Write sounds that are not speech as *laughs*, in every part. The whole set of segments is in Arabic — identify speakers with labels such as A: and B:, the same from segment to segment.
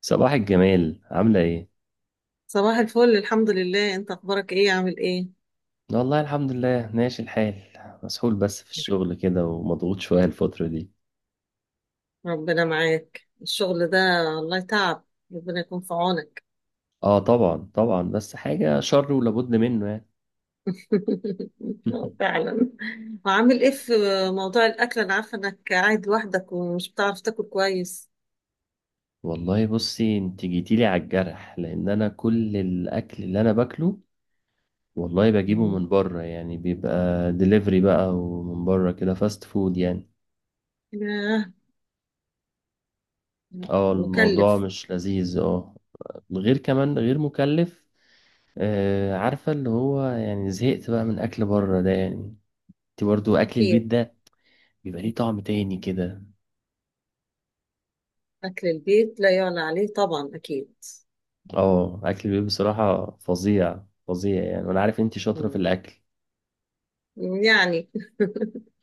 A: صباح الجمال عاملة ايه؟
B: صباح الفل، الحمد لله. انت اخبارك ايه؟ عامل ايه؟
A: والله الحمد لله ماشي الحال، مسحول بس في الشغل كده ومضغوط شوية الفترة دي.
B: ربنا معاك. الشغل ده والله تعب. ربنا يكون في عونك.
A: اه، طبعا طبعا، بس حاجة شر ولابد منه يعني.
B: *laughs* اه
A: *laughs*
B: فعلا. وعامل ايه في موضوع الاكل؟ انا عارفه انك قاعد لوحدك ومش بتعرف تاكل كويس.
A: والله بصي، انت جيتيلي على الجرح، لان انا كل الاكل اللي انا باكله والله بجيبه
B: مم.
A: من بره، يعني بيبقى دليفري بقى، ومن بره كده فاست فود يعني.
B: ياه.
A: اه، الموضوع
B: مكلف.
A: مش لذيذ، اه. غير كمان، غير مكلف. آه، عارفة اللي هو يعني زهقت بقى من أكل بره ده يعني. انت برضو اكل البيت
B: اكيد.
A: ده بيبقى ليه طعم تاني كده.
B: اكل البيت لا يعلى عليه، طبعا اكيد.
A: اه، اكل البيت بصراحة فظيع فظيع يعني، وانا عارف انت شاطرة في
B: مم.
A: الاكل.
B: يعني.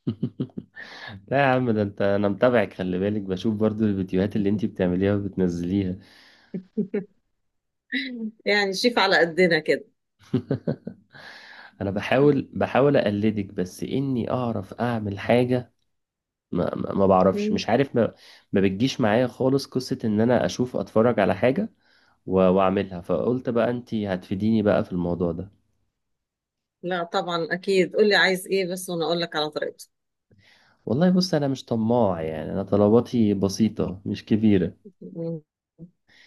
A: *laughs* لا يا عم، ده انت انا متابعك، خلي بالك، بشوف برضو الفيديوهات اللي انت بتعمليها وبتنزليها.
B: *laughs* يعني شيف على قدنا كده.
A: *laughs* انا بحاول اقلدك بس اني اعرف اعمل حاجة. ما بعرفش،
B: مم.
A: مش عارف ما بتجيش معايا خالص قصة ان انا اشوف اتفرج على حاجة واعملها، فقلت بقى انت هتفيديني بقى في الموضوع ده.
B: لا طبعا اكيد، قول لي عايز ايه بس وانا اقول لك على طريقته.
A: والله بص، انا مش طماع يعني، انا طلباتي بسيطة مش كبيرة.
B: مم.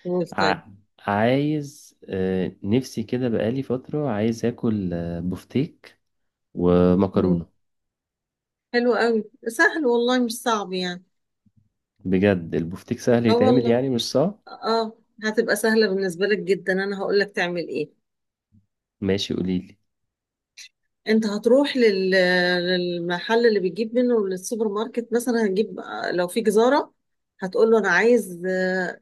B: قول
A: ع...
B: طيب.
A: عايز، نفسي كده بقالي فترة، عايز اكل بفتيك
B: مم.
A: ومكرونة.
B: حلو قوي، سهل والله مش صعب يعني.
A: بجد البفتيك سهل
B: اه
A: يتعمل
B: والله.
A: يعني مش صعب.
B: اه. هتبقى سهلة بالنسبة لك جدا، انا هقول لك تعمل ايه.
A: ماشي قوليلي.
B: انت هتروح للمحل اللي بتجيب منه، للسوبر ماركت مثلا. هتجيب، لو في جزارة هتقول له انا عايز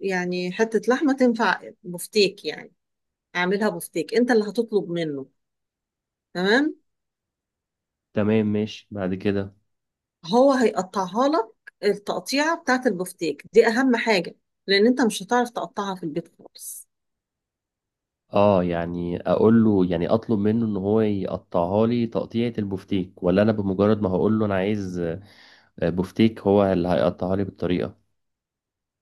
B: يعني حتة لحمة تنفع بفتيك يعني، اعملها بفتيك. انت اللي هتطلب منه، تمام.
A: تمام ماشي بعد كده.
B: هو هيقطعها لك. التقطيعة بتاعت البفتيك دي أهم حاجة، لأن أنت مش هتعرف تقطعها في البيت خالص.
A: اه، يعني اقول له يعني اطلب منه ان هو يقطعها لي تقطيعة البفتيك، ولا انا بمجرد ما هقول له انا عايز بفتيك هو اللي هيقطعها لي بالطريقة؟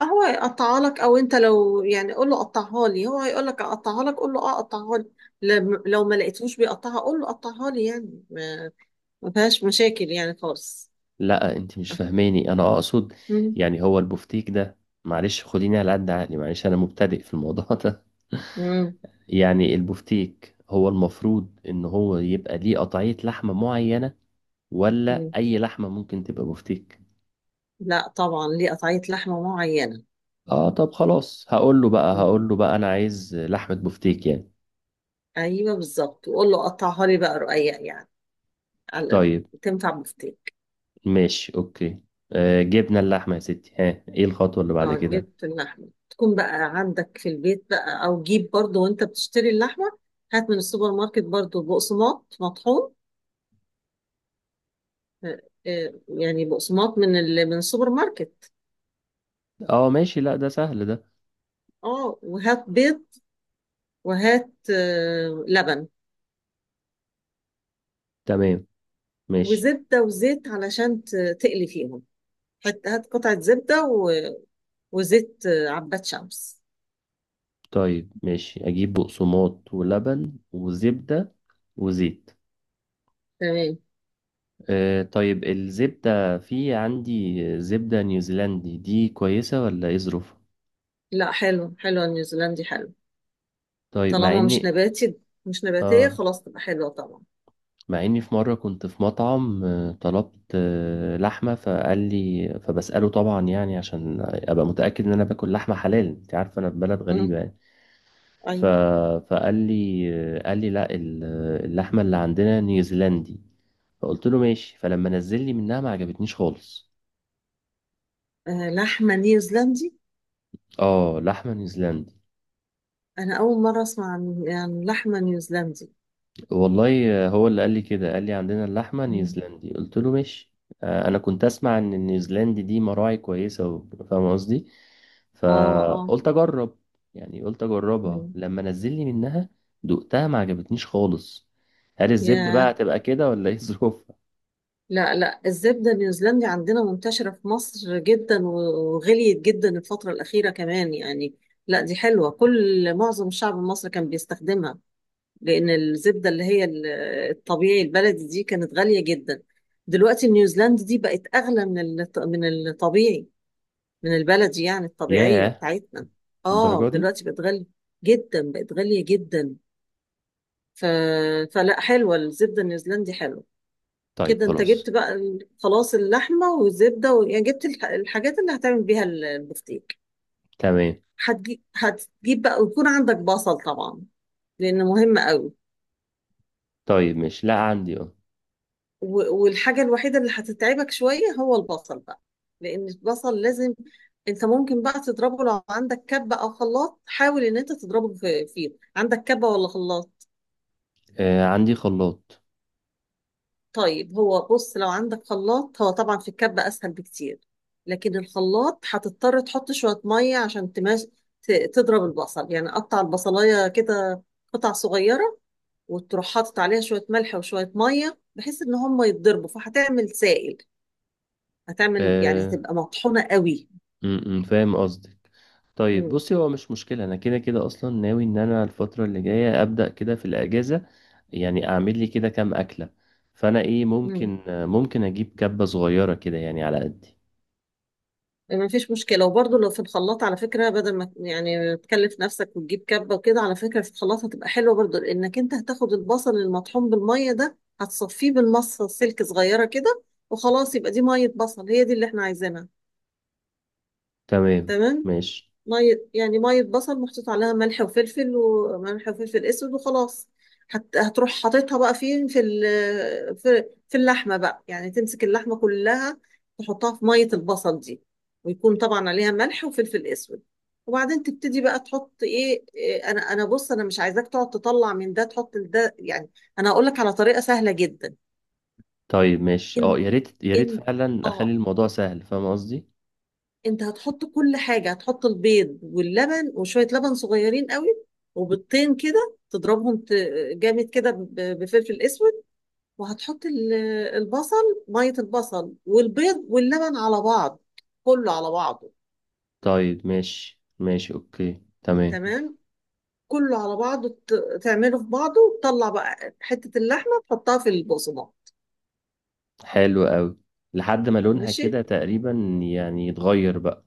B: هو هيقطعها لك، أو أنت لو يعني قول له قطعها لي هو هيقول لك أقطعها لك. قول له أه قطعها لي. لو ما لقيتهوش بيقطعها قول له قطعها لي، يعني ما فيهاش مشاكل يعني خالص.
A: لا، انت مش فاهماني. انا اقصد
B: مم.
A: يعني هو البفتيك ده، معلش خديني على قد عقلي، معلش انا مبتدئ في الموضوع ده.
B: مم.
A: *laughs* يعني البفتيك هو المفروض ان هو يبقى ليه قطعية لحمة معينة، ولا
B: مم.
A: اي لحمة ممكن تبقى بفتيك؟
B: لا طبعا، ليه قطعية لحمة معينة.
A: اه طب خلاص، هقول له بقى
B: مم.
A: هقول له بقى انا عايز لحمة بفتيك يعني.
B: أيوه بالظبط، وقول له قطعها لي بقى رقيق يعني، على
A: طيب
B: تنفع بفتيك.
A: ماشي اوكي. آه، جبنا اللحمة يا ستي، ها، ايه الخطوة اللي بعد
B: اه
A: كده؟
B: جبت اللحمة، تكون بقى عندك في البيت بقى، او جيب برضو وانت بتشتري اللحمة، هات من السوبر ماركت برضو بقسماط مطحون. آه، يعني بقسماط من من السوبر ماركت.
A: اه ماشي، لا ده سهل ده.
B: اه وهات بيض. وهات لبن.
A: تمام ماشي.
B: وزبدة وزيت علشان تقلي فيهم. هات قطعة زبدة وزيت عباد شمس.
A: طيب ماشي، اجيب بقسماط ولبن وزبدة وزيت.
B: تمام.
A: آه، طيب الزبدة، في عندي زبدة نيوزيلندي، دي كويسة ولا ايه ظروفها؟
B: لا حلو، النيوزيلندي حلو.
A: طيب مع
B: طالما مش
A: اني...
B: نباتي، مش نباتية
A: اه،
B: خلاص تبقى حلوة طبعا.
A: مع اني في مرة كنت في مطعم، طلبت لحمة، فقال لي، فبسأله طبعا يعني عشان ابقى متأكد ان انا باكل لحمة حلال، انت عارف انا في بلد غريبة
B: مم.
A: يعني. ف...
B: أيوة.
A: فقال لي، قال لي لا، اللحمة اللي عندنا نيوزيلندي. فقلت له ماشي، فلما نزل لي منها ما عجبتنيش خالص.
B: لحمة نيوزيلندي.
A: اه، لحمة نيوزيلندي.
B: أنا أول مرة أسمع عن يعني لحمة نيوزيلندي.
A: والله هو اللي قال لي كده، قال لي عندنا اللحمة
B: مم.
A: نيوزيلندي، قلت له ماشي. انا كنت اسمع ان النيوزيلندي دي مراعي كويسة فاهم قصدي،
B: آه آه.
A: فقلت اجرب. يعني قلت اجربها،
B: مم.
A: لما نزل لي منها دقتها ما عجبتنيش خالص. هل الزبدة بقى
B: ياه.
A: هتبقى كده، ولا ايه *laughs* ظروفها؟
B: لا لا، الزبدة النيوزيلندي عندنا منتشرة في مصر جدا، وغليت جدا الفترة الأخيرة كمان يعني. لا دي حلوة، كل معظم الشعب المصري كان بيستخدمها، لأن الزبدة اللي هي الطبيعي البلدي دي كانت غالية جدا. دلوقتي النيوزيلندي دي بقت أغلى من من الطبيعي، من البلدي يعني، الطبيعية
A: ياه،
B: بتاعتنا. اه
A: الدرجة دي؟
B: دلوقتي بقت غالية. جدا بقت غالية جدا. ف... فلا حلوة، الزبدة النيوزيلندي حلوة.
A: طيب
B: كده انت
A: خلاص.
B: جبت بقى خلاص اللحمة والزبدة يعني جبت الحاجات اللي هتعمل بيها البفتيك.
A: تمام.
B: هتجيب بقى ويكون عندك بصل طبعا، لأنه مهم قوي.
A: طيب مش، لا عندي، اه،
B: والحاجة الوحيدة اللي هتتعبك شوية هو البصل بقى، لأن البصل لازم. أنت ممكن بقى تضربه لو عندك كبة أو خلاط، حاول إن أنت تضربه في فيه. عندك كبة ولا خلاط؟
A: عندي خلاط.
B: طيب هو بص، لو عندك خلاط، هو طبعا في الكبة أسهل بكتير، لكن الخلاط هتضطر تحط شوية مية عشان تماش تضرب البصل، يعني قطع البصلاية كده، قطع صغيرة، وتروح حاطط عليها شوية ملح وشوية مية بحيث إن هم يتضربوا فهتعمل سائل، هتعمل يعني
A: آه،
B: هتبقى مطحونة قوي.
A: فاهم قصدك. طيب
B: مم.
A: بصي، هو مش مشكلة، أنا كده كده أصلا ناوي إن أنا الفترة اللي جاية أبدأ كده في الأجازة. يعني أعمل لي كده كام أكلة، فأنا إيه،
B: مم.
A: ممكن أجيب كبة صغيرة كده يعني على قدي.
B: ما فيش مشكلة. وبرضه لو في الخلاط على فكرة بدل ما يعني تكلف نفسك وتجيب كبة وكده، على فكرة في الخلاط هتبقى حلوة برضه، لأنك أنت هتاخد البصل المطحون بالمية ده هتصفيه بالمصة، سلك صغيرة كده، وخلاص يبقى دي مية بصل، هي دي اللي احنا عايزينها.
A: تمام
B: تمام.
A: ماشي.
B: مية يعني، مية بصل محطوط عليها ملح وفلفل، وملح وفلفل اسود وخلاص. هتروح حاططها بقى فين؟ في في اللحمة بقى. يعني تمسك اللحمة كلها، تحطها في مية البصل دي، ويكون طبعا عليها ملح وفلفل اسود. وبعدين تبتدي بقى تحط ايه انا بص، انا مش عايزاك تقعد تطلع من ده تحط ده يعني، انا هقول لك على طريقة سهلة جدا.
A: طيب ماشي، أه
B: انت
A: يا ريت يا ريت
B: انت
A: فعلا أخلي
B: اه،
A: الموضوع سهل، فاهم قصدي.
B: انت هتحط كل حاجة. هتحط البيض واللبن، وشوية لبن صغيرين قوي، وبيضتين كده تضربهم جامد كده بفلفل اسود. وهتحط البصل، مية البصل والبيض واللبن على بعض، كله على بعضه.
A: طيب ماشي ماشي، أوكي تمام.
B: تمام. كله على بعضه، تعمله في بعضه، وتطلع بقى حتة اللحمة تحطها في البقسماط.
A: حلو أوي. لحد ما لونها
B: ماشي.
A: كده تقريبا، يعني يتغير بقى.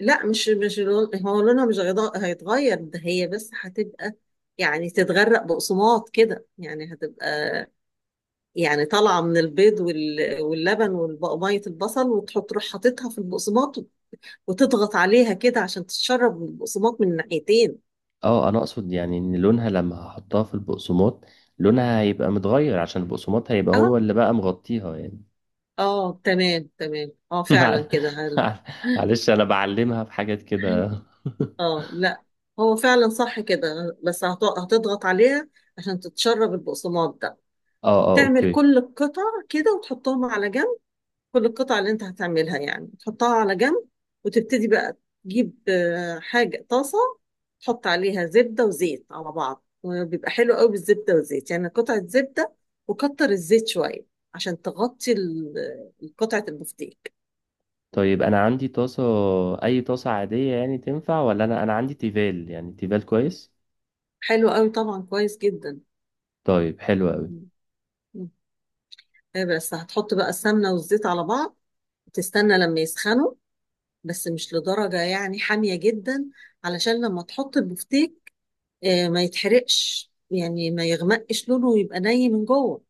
B: لا مش هو لونها مش هيض- هيتغير، ده هي بس هتبقى يعني تتغرق بقسماط كده، يعني هتبقى يعني طالعه من البيض واللبن وميه البصل، وتحط تروح حاططها في البقسماط، وتضغط عليها كده عشان تتشرب من البقسماط من الناحيتين.
A: اه، انا اقصد يعني ان لونها لما هحطها في البقسماط لونها هيبقى متغير، عشان البقسماط هيبقى
B: اه
A: هو اللي بقى مغطيها يعني.
B: اه، تمام تمام، اه
A: *laughs* مع-
B: فعلا كده
A: مع- معلش، انا بعلمها في حاجات
B: *laughs*
A: كده.
B: اه لا، هو فعلا صح كده، بس هتضغط عليها عشان تتشرب البقسماط ده.
A: *laughs* اه اه،
B: تعمل
A: اوكي.
B: كل القطع كده، وتحطهم على جنب. كل القطع اللي انت هتعملها يعني تحطها على جنب. وتبتدي بقى تجيب حاجة طاسة، تحط عليها زبدة وزيت على بعض، وبيبقى حلو قوي بالزبدة والزيت. يعني قطعة زبدة، وكتر الزيت شوية عشان تغطي قطعة البفتيك.
A: طيب انا عندي طاسة، اي طاسة عادية يعني تنفع، ولا انا عندي تيفال، يعني تيفال كويس؟
B: حلو قوي، طبعا كويس جدا.
A: طيب حلو قوي.
B: م- م. إيه، بس هتحط بقى السمنة والزيت على بعض وتستنى لما يسخنوا، بس مش لدرجة يعني حامية جدا، علشان لما تحط البفتيك ما يتحرقش، يعني ما يغمقش لونه ويبقى ني من جوه.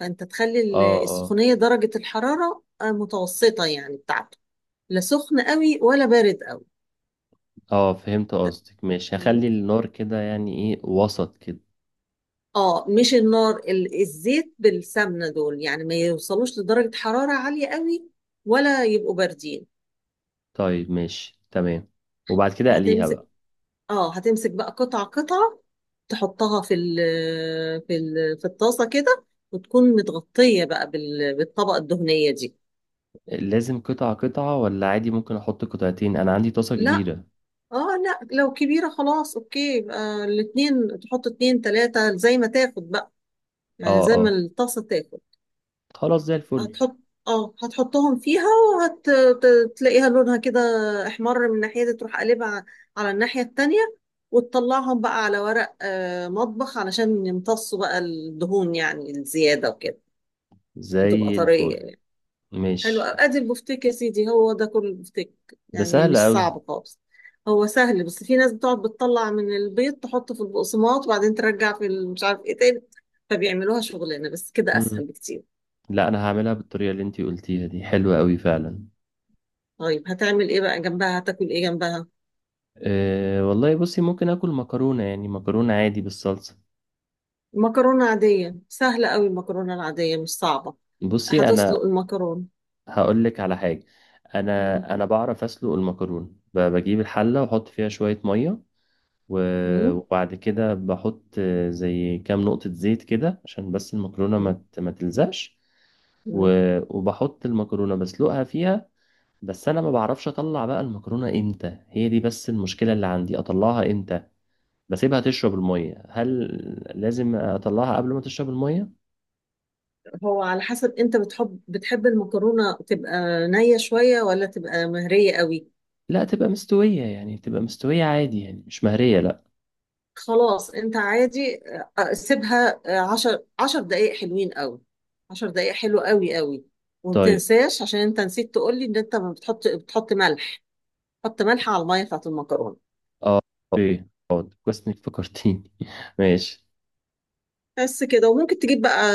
B: فانت تخلي
A: اه اه
B: السخونيه درجه الحراره متوسطه يعني بتاعته، لا سخن قوي ولا بارد قوي.
A: اه، فهمت قصدك، ماشي
B: تمام؟
A: هخلي النار كده يعني ايه، وسط كده.
B: اه مش النار، الزيت بالسمنه دول يعني ما يوصلوش لدرجه حراره عاليه قوي، ولا يبقوا باردين.
A: طيب ماشي تمام. وبعد كده اقليها
B: هتمسك،
A: بقى؟
B: اه هتمسك بقى قطعه قطعه، تحطها في في ال في الطاسه كده، وتكون متغطيه بقى بالطبقه الدهنيه دي.
A: لازم قطعة قطعة، ولا عادي ممكن احط قطعتين، انا عندي طاسة
B: لا.
A: كبيرة.
B: اه لا لو كبيرة، خلاص اوكي، يبقى الاتنين تحط اتنين تلاتة زي ما تاخد بقى، يعني
A: اه
B: زي ما
A: اه،
B: الطاسة تاخد.
A: خلاص زي الفل.
B: هتحط، اه هتحطهم فيها، وهتلاقيها لونها كده احمر من الناحية دي، تروح قلبها على الناحية التانية، وتطلعهم بقى على ورق مطبخ علشان يمتصوا بقى الدهون، يعني الزيادة وكده، وتبقى
A: زي
B: طرية
A: الفل
B: يعني. حلو
A: ماشي،
B: أوي. ادي البفتيك يا سيدي، هو ده كل البفتيك.
A: ده
B: يعني
A: سهل
B: مش
A: قوي.
B: صعب خالص، هو سهل، بس في ناس بتقعد بتطلع من البيض تحطه في البقسماط وبعدين ترجع في مش عارف ايه تاني، فبيعملوها شغلانه، بس كده
A: مم.
B: اسهل بكتير.
A: لا، انا هعملها بالطريقة اللي انتي قلتيها دي، حلوة قوي فعلا.
B: طيب هتعمل ايه بقى جنبها؟ هتاكل ايه جنبها؟
A: أه والله بصي، ممكن اكل مكرونة يعني، مكرونة عادي بالصلصة.
B: مكرونه عاديه سهله قوي، المكرونه العاديه مش صعبه.
A: بصي
B: هتسلق
A: انا،
B: المكرونه.
A: هقولك على حاجة،
B: مم.
A: انا بعرف اسلق المكرونة، بجيب الحلة واحط فيها شوية مية
B: مم.
A: وبعد كده بحط زي كام نقطة زيت كده، عشان بس المكرونة
B: مم.
A: ما تلزقش،
B: مم.
A: وبحط المكرونة بسلقها فيها. بس انا ما بعرفش اطلع بقى المكرونة امتى، هي دي بس المشكلة اللي عندي، اطلعها امتى؟ بسيبها تشرب المية؟ هل لازم اطلعها قبل ما تشرب المية؟
B: هو على حسب انت بتحب المكرونه تبقى نيه شويه ولا تبقى مهريه قوي.
A: لا تبقى مستوية يعني، تبقى مستوية عادي يعني، مش مهرية لا.
B: خلاص انت عادي، سيبها 10 دقايق حلوين قوي، 10 دقايق حلو قوي قوي. وما
A: طيب.
B: تنساش، عشان انت نسيت تقول لي ان انت ما بتحط بتحط ملح. حط ملح على الميه بتاعت المكرونه.
A: اه اوكي. اه كويس انك فكرتيني. *laughs* ماشي.
B: بس كده. وممكن تجيب بقى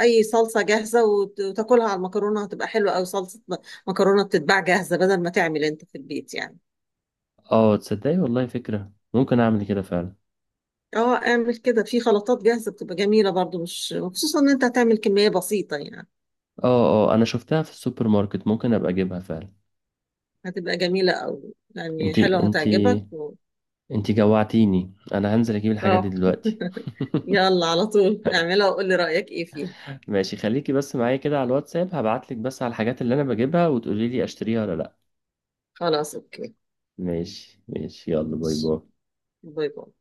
B: اي صلصه جاهزه وتاكلها على المكرونه، هتبقى حلوه قوي. صلصه مكرونه بتتباع جاهزه بدل ما تعمل انت في البيت يعني.
A: اه، تصدقي والله فكرة، ممكن اعمل كده فعلا.
B: اه اعمل كده، في خلطات جاهزه بتبقى جميله برضو، مش خصوصا ان انت هتعمل كميه بسيطه يعني.
A: اه اه، انا شفتها في السوبر ماركت، ممكن ابقى اجيبها فعلا.
B: هتبقى جميله قوي، يعني
A: انتي،
B: حلوه هتعجبك.
A: انتي جوعتيني، انا هنزل اجيب الحاجات دي
B: اه.
A: دلوقتي.
B: *laughs*
A: *laughs*
B: يلا على طول اعملها وقولي رأيك ايه فيها.
A: ماشي، خليكي بس معايا كده على الواتساب، هبعتلك بس على الحاجات اللي انا بجيبها وتقولي لي اشتريها ولا لا.
B: خلاص اوكي.
A: ماشي ماشي، يلا باي
B: ماشي.
A: باي.
B: باي باي.